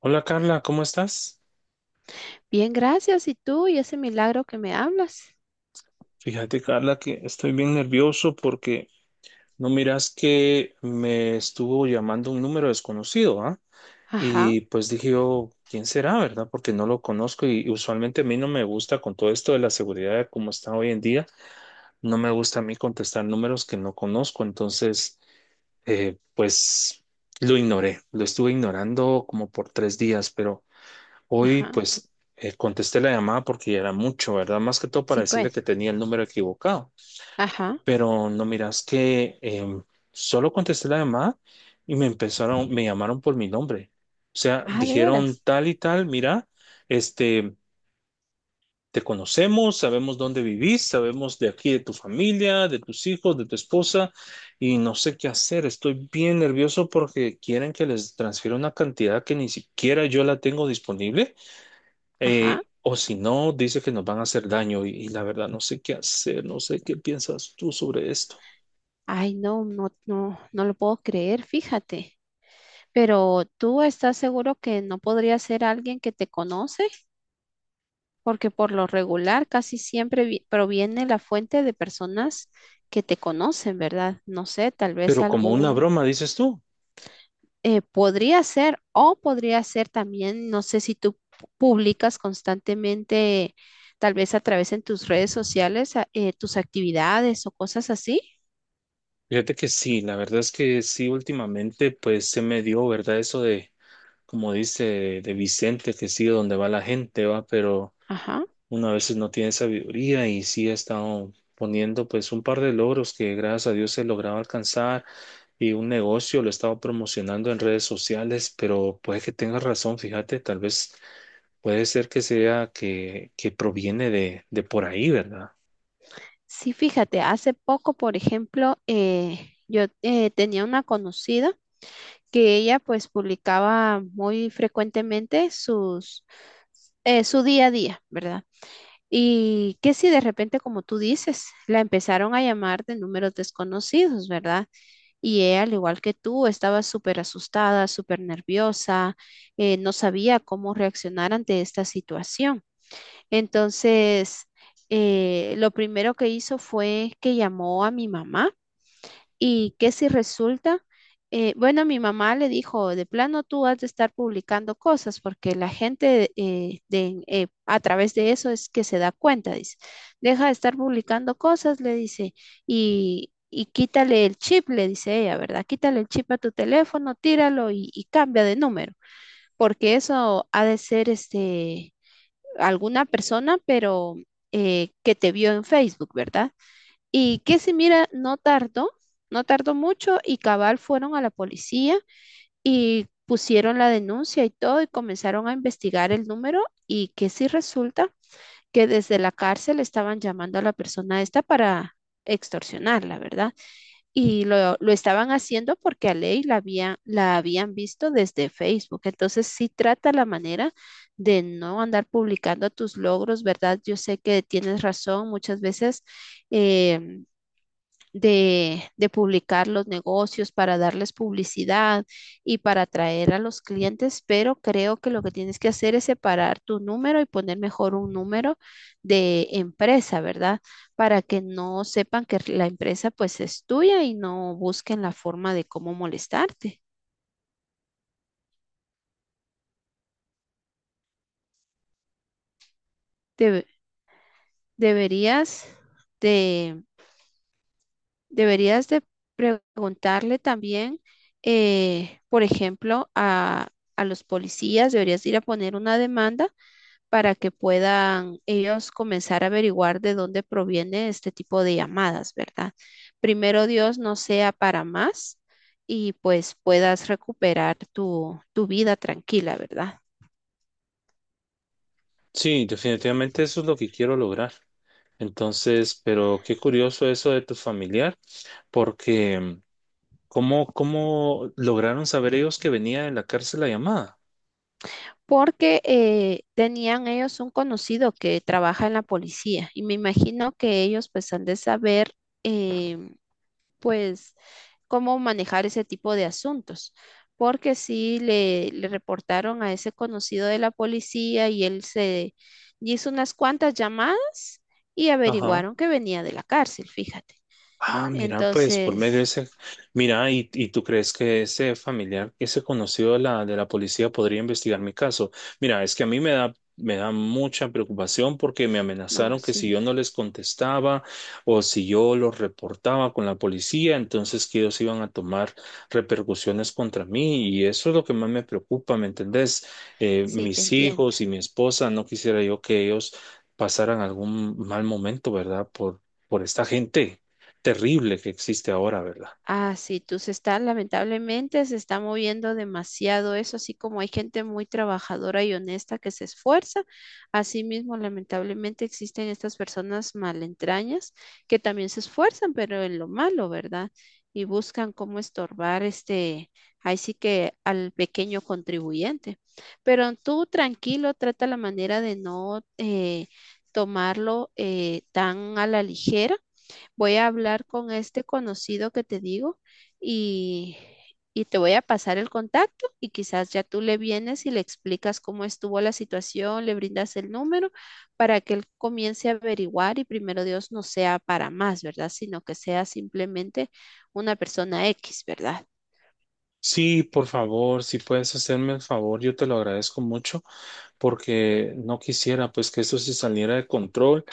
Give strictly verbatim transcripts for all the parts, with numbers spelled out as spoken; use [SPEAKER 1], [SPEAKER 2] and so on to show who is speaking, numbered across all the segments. [SPEAKER 1] Hola Carla, ¿cómo estás?
[SPEAKER 2] Bien, gracias. ¿Y tú? ¿Y ese milagro que me hablas?
[SPEAKER 1] Fíjate Carla que estoy bien nervioso porque no miras que me estuvo llamando un número desconocido, ¿ah?
[SPEAKER 2] Ajá,
[SPEAKER 1] Y pues dije yo, ¿quién será, verdad? Porque no lo conozco y usualmente a mí no me gusta con todo esto de la seguridad como está hoy en día, no me gusta a mí contestar números que no conozco, entonces eh, pues lo ignoré, lo estuve ignorando como por tres días, pero... Hoy
[SPEAKER 2] ajá.
[SPEAKER 1] pues eh, contesté la llamada porque ya era mucho, ¿verdad? Más que todo para
[SPEAKER 2] Sí,
[SPEAKER 1] decirle que
[SPEAKER 2] pues.
[SPEAKER 1] tenía el número equivocado.
[SPEAKER 2] Ajá.
[SPEAKER 1] Pero no miras que em, solo contesté la llamada y me empezaron, me llamaron por mi nombre. O sea,
[SPEAKER 2] Ah, de
[SPEAKER 1] dijeron
[SPEAKER 2] veras.
[SPEAKER 1] tal y tal, mira, este, te conocemos, sabemos dónde vivís, sabemos de aquí de tu familia, de tus hijos, de tu esposa y no sé qué hacer. Estoy bien nervioso porque quieren que les transfiera una cantidad que ni siquiera yo la tengo disponible
[SPEAKER 2] Ajá.
[SPEAKER 1] eh, o si no, dice que nos van a hacer daño y, y la verdad no sé qué hacer, no sé qué piensas tú sobre esto.
[SPEAKER 2] Ay, no, no, no, no lo puedo creer, fíjate. Pero ¿tú estás seguro que no podría ser alguien que te conoce? Porque por lo regular casi siempre vi- proviene la fuente de personas que te conocen, ¿verdad? No sé, tal vez
[SPEAKER 1] Pero como una
[SPEAKER 2] algún.
[SPEAKER 1] broma, dices tú.
[SPEAKER 2] Eh, podría ser, o podría ser también, no sé si tú pu- publicas constantemente, tal vez a través en tus redes sociales, a- eh, tus actividades o cosas así.
[SPEAKER 1] Fíjate que sí, la verdad es que sí, últimamente pues se me dio, ¿verdad? Eso de, como dice de Vicente, que sigue donde va la gente, va, pero
[SPEAKER 2] Ajá.
[SPEAKER 1] una veces no tiene sabiduría y sí he estado poniendo pues un par de logros que gracias a Dios he logrado alcanzar y un negocio lo he estado promocionando en redes sociales, pero puede que tengas razón, fíjate, tal vez. Puede ser que sea que, que proviene de, de por ahí, ¿verdad?
[SPEAKER 2] Sí, fíjate, hace poco, por ejemplo, eh, yo eh, tenía una conocida que ella pues publicaba muy frecuentemente sus, eh, su día a día, ¿verdad? Y que si de repente, como tú dices, la empezaron a llamar de números desconocidos, ¿verdad? Y ella, al igual que tú, estaba súper asustada, súper nerviosa, eh, no sabía cómo reaccionar ante esta situación. Entonces, eh, lo primero que hizo fue que llamó a mi mamá. ¿Y qué si resulta? Eh, bueno, mi mamá le dijo, de plano tú has de estar publicando cosas porque la gente, eh, de, eh, a través de eso es que se da cuenta, dice, deja de estar publicando cosas, le dice, y, y quítale el chip, le dice ella, ¿verdad? Quítale el chip a tu teléfono, tíralo y, y cambia de número, porque eso ha de ser este, alguna persona, pero eh, que te vio en Facebook, ¿verdad? Y que si mira, no tardó, no tardó mucho y cabal fueron a la policía y pusieron la denuncia y todo y comenzaron a investigar el número y que si resulta que desde la cárcel estaban llamando a la persona esta para extorsionarla, ¿verdad? Y lo, lo estaban haciendo porque a Ley la, había, la habían visto desde Facebook. Entonces sí trata la manera de no andar publicando tus logros, ¿verdad? Yo sé que tienes razón, muchas veces eh, de, de publicar los negocios, para darles publicidad y para atraer a los clientes, pero creo que lo que tienes que hacer es separar tu número y poner mejor un número de empresa, ¿verdad? Para que no sepan que la empresa pues es tuya y no busquen la forma de cómo molestarte. Debe- deberías de deberías de preguntarle también, eh, por ejemplo, a, a los policías, deberías ir a poner una demanda para que puedan ellos comenzar a averiguar de dónde proviene este tipo de llamadas, ¿verdad? Primero Dios no sea para más y pues puedas recuperar tu, tu vida tranquila, ¿verdad?
[SPEAKER 1] Sí, definitivamente eso es lo que quiero lograr. Entonces, pero qué curioso eso de tu familiar, porque mm, ¿cómo, cómo lograron saber ellos que venía de la cárcel la llamada?
[SPEAKER 2] Porque eh, tenían ellos un conocido que trabaja en la policía y me imagino que ellos pues han de saber. em, pues cómo manejar ese tipo de asuntos, porque sí le, le reportaron a ese conocido de la policía y él se hizo unas cuantas llamadas y
[SPEAKER 1] Ajá.
[SPEAKER 2] averiguaron que venía de la cárcel, fíjate.
[SPEAKER 1] Ah, mira, pues por medio
[SPEAKER 2] Entonces,
[SPEAKER 1] de ese, mira, y, y tú crees que ese familiar, ese conocido de la, de la policía podría investigar mi caso. Mira, es que a mí me da, me da mucha preocupación porque me
[SPEAKER 2] no,
[SPEAKER 1] amenazaron que
[SPEAKER 2] sí,
[SPEAKER 1] si yo no les contestaba o si yo los reportaba con la policía, entonces que ellos iban a tomar repercusiones contra mí y eso es lo que más me preocupa, ¿me entendés? Eh,
[SPEAKER 2] sí, te
[SPEAKER 1] mis
[SPEAKER 2] entiendo.
[SPEAKER 1] hijos y mi esposa, no quisiera yo que ellos pasaran algún mal momento, ¿verdad? Por, por esta gente terrible que existe ahora, ¿verdad?
[SPEAKER 2] Ah, sí, tú se está, lamentablemente se está moviendo demasiado eso, así como hay gente muy trabajadora y honesta que se esfuerza, asimismo lamentablemente existen estas personas malentrañas que también se esfuerzan, pero en lo malo, ¿verdad? Y buscan cómo estorbar este, ahí sí que al pequeño contribuyente. Pero tú tranquilo, trata la manera de no eh, tomarlo eh, tan a la ligera. Voy a hablar con este conocido que te digo y, y te voy a pasar el contacto y quizás ya tú le vienes y le explicas cómo estuvo la situación, le brindas el número para que él comience a averiguar y primero Dios no sea para más, ¿verdad? Sino que sea simplemente una persona X, ¿verdad?
[SPEAKER 1] Sí, por favor, si puedes hacerme el favor, yo te lo agradezco mucho. Porque no quisiera pues que eso se saliera de control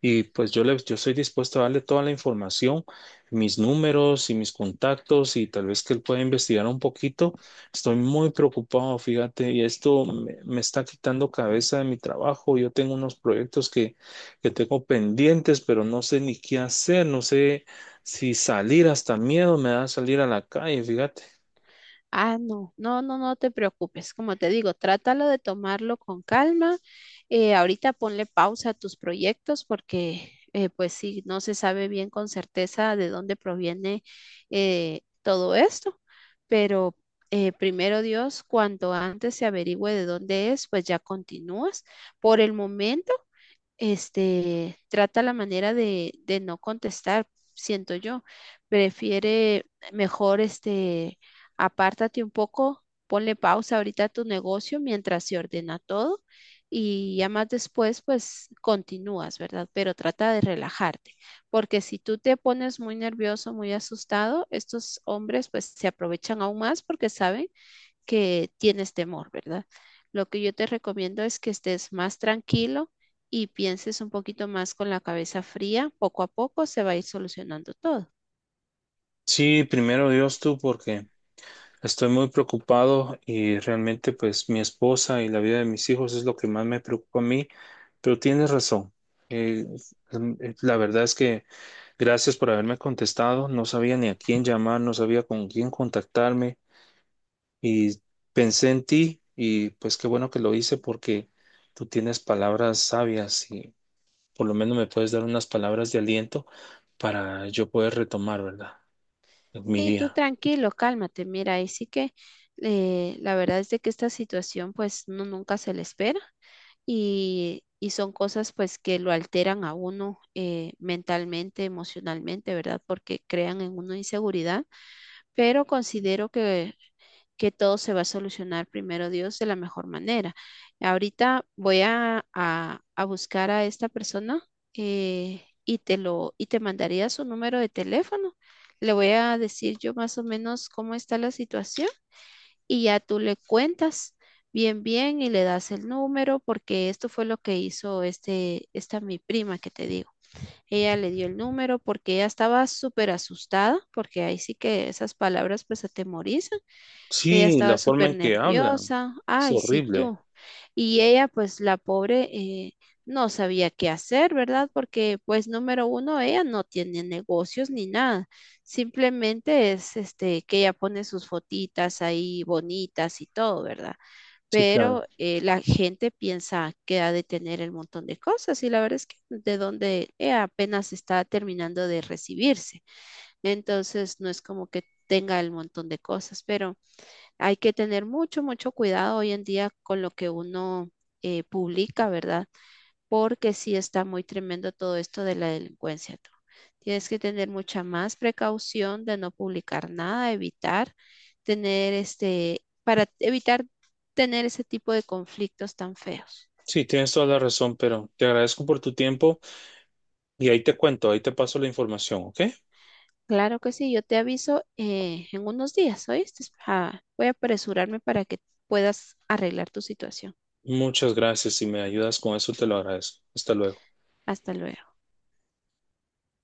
[SPEAKER 1] y pues yo le, yo estoy dispuesto a darle toda la información, mis números y mis contactos y tal vez que él pueda investigar un poquito. Estoy muy preocupado, fíjate, y esto me, me está quitando cabeza de mi trabajo. Yo tengo unos proyectos que, que tengo pendientes, pero no sé ni qué hacer, no sé si salir, hasta miedo me da salir a la calle, fíjate.
[SPEAKER 2] Ah, no, no, no, no te preocupes. Como te digo, trátalo de tomarlo con calma. Eh, ahorita ponle pausa a tus proyectos porque, eh, pues sí, no se sabe bien con certeza de dónde proviene, eh, todo esto. Pero eh, primero Dios, cuanto antes se averigüe de dónde es, pues ya continúas. Por el momento este, trata la manera de, de no contestar, siento yo. Prefiere mejor, este, apártate un poco, ponle pausa ahorita a tu negocio mientras se ordena todo y ya más después, pues continúas, ¿verdad? Pero trata de relajarte, porque si tú te pones muy nervioso, muy asustado, estos hombres pues se aprovechan aún más porque saben que tienes temor, ¿verdad? Lo que yo te recomiendo es que estés más tranquilo y pienses un poquito más con la cabeza fría. Poco a poco se va a ir solucionando todo.
[SPEAKER 1] Sí, primero Dios tú, porque estoy muy preocupado y realmente pues mi esposa y la vida de mis hijos es lo que más me preocupa a mí, pero tienes razón. Eh, em, eh, la verdad es que gracias por haberme contestado. No sabía ni a quién llamar, no sabía con quién contactarme y pensé en ti y pues qué bueno que lo hice porque tú tienes palabras sabias y por lo menos me puedes dar unas palabras de aliento para yo poder retomar, ¿verdad? Mi
[SPEAKER 2] Sí, tú
[SPEAKER 1] día.
[SPEAKER 2] tranquilo, cálmate. Mira, ahí sí que eh, la verdad es de que esta situación pues no, nunca se le espera y, y son cosas pues que lo alteran a uno, eh, mentalmente, emocionalmente, ¿verdad? Porque crean en uno inseguridad, pero considero que que todo se va a solucionar primero Dios de la mejor manera. Ahorita voy a, a- a buscar a esta persona, eh, y te lo, y te mandaría su número de teléfono. Le voy a decir yo más o menos cómo está la situación y ya tú le cuentas bien, bien y le das el número porque esto fue lo que hizo este, esta mi prima que te digo. Ella le dio el número porque ella estaba súper asustada porque ahí sí que esas palabras pues atemorizan, ella
[SPEAKER 1] Sí, la
[SPEAKER 2] estaba
[SPEAKER 1] forma
[SPEAKER 2] súper
[SPEAKER 1] en que hablan
[SPEAKER 2] nerviosa.
[SPEAKER 1] es
[SPEAKER 2] Ay, sí,
[SPEAKER 1] horrible.
[SPEAKER 2] tú. Y ella, pues la pobre, eh, no sabía qué hacer, ¿verdad? Porque, pues, número uno, ella no tiene negocios ni nada. Simplemente es, este, que ella pone sus fotitas ahí bonitas y todo, ¿verdad?
[SPEAKER 1] Sí,
[SPEAKER 2] Pero
[SPEAKER 1] claro.
[SPEAKER 2] eh, la gente piensa que ha de tener el montón de cosas y la verdad es que de donde ella apenas está terminando de recibirse. Entonces, no es como que tenga el montón de cosas, pero... Hay que tener mucho, mucho cuidado hoy en día con lo que uno eh, publica, ¿verdad? Porque sí está muy tremendo todo esto de la delincuencia, tú. Tienes que tener mucha más precaución de no publicar nada, evitar tener este, para evitar tener ese tipo de conflictos tan feos.
[SPEAKER 1] Sí, tienes toda la razón, pero te agradezco por tu tiempo y ahí te cuento, ahí te paso la información, ¿ok?
[SPEAKER 2] Claro que sí, yo te aviso eh, en unos días, ¿oíste? Ah, voy a apresurarme para que puedas arreglar tu situación.
[SPEAKER 1] Muchas gracias. Si me ayudas con eso, te lo agradezco. Hasta luego.
[SPEAKER 2] Hasta luego.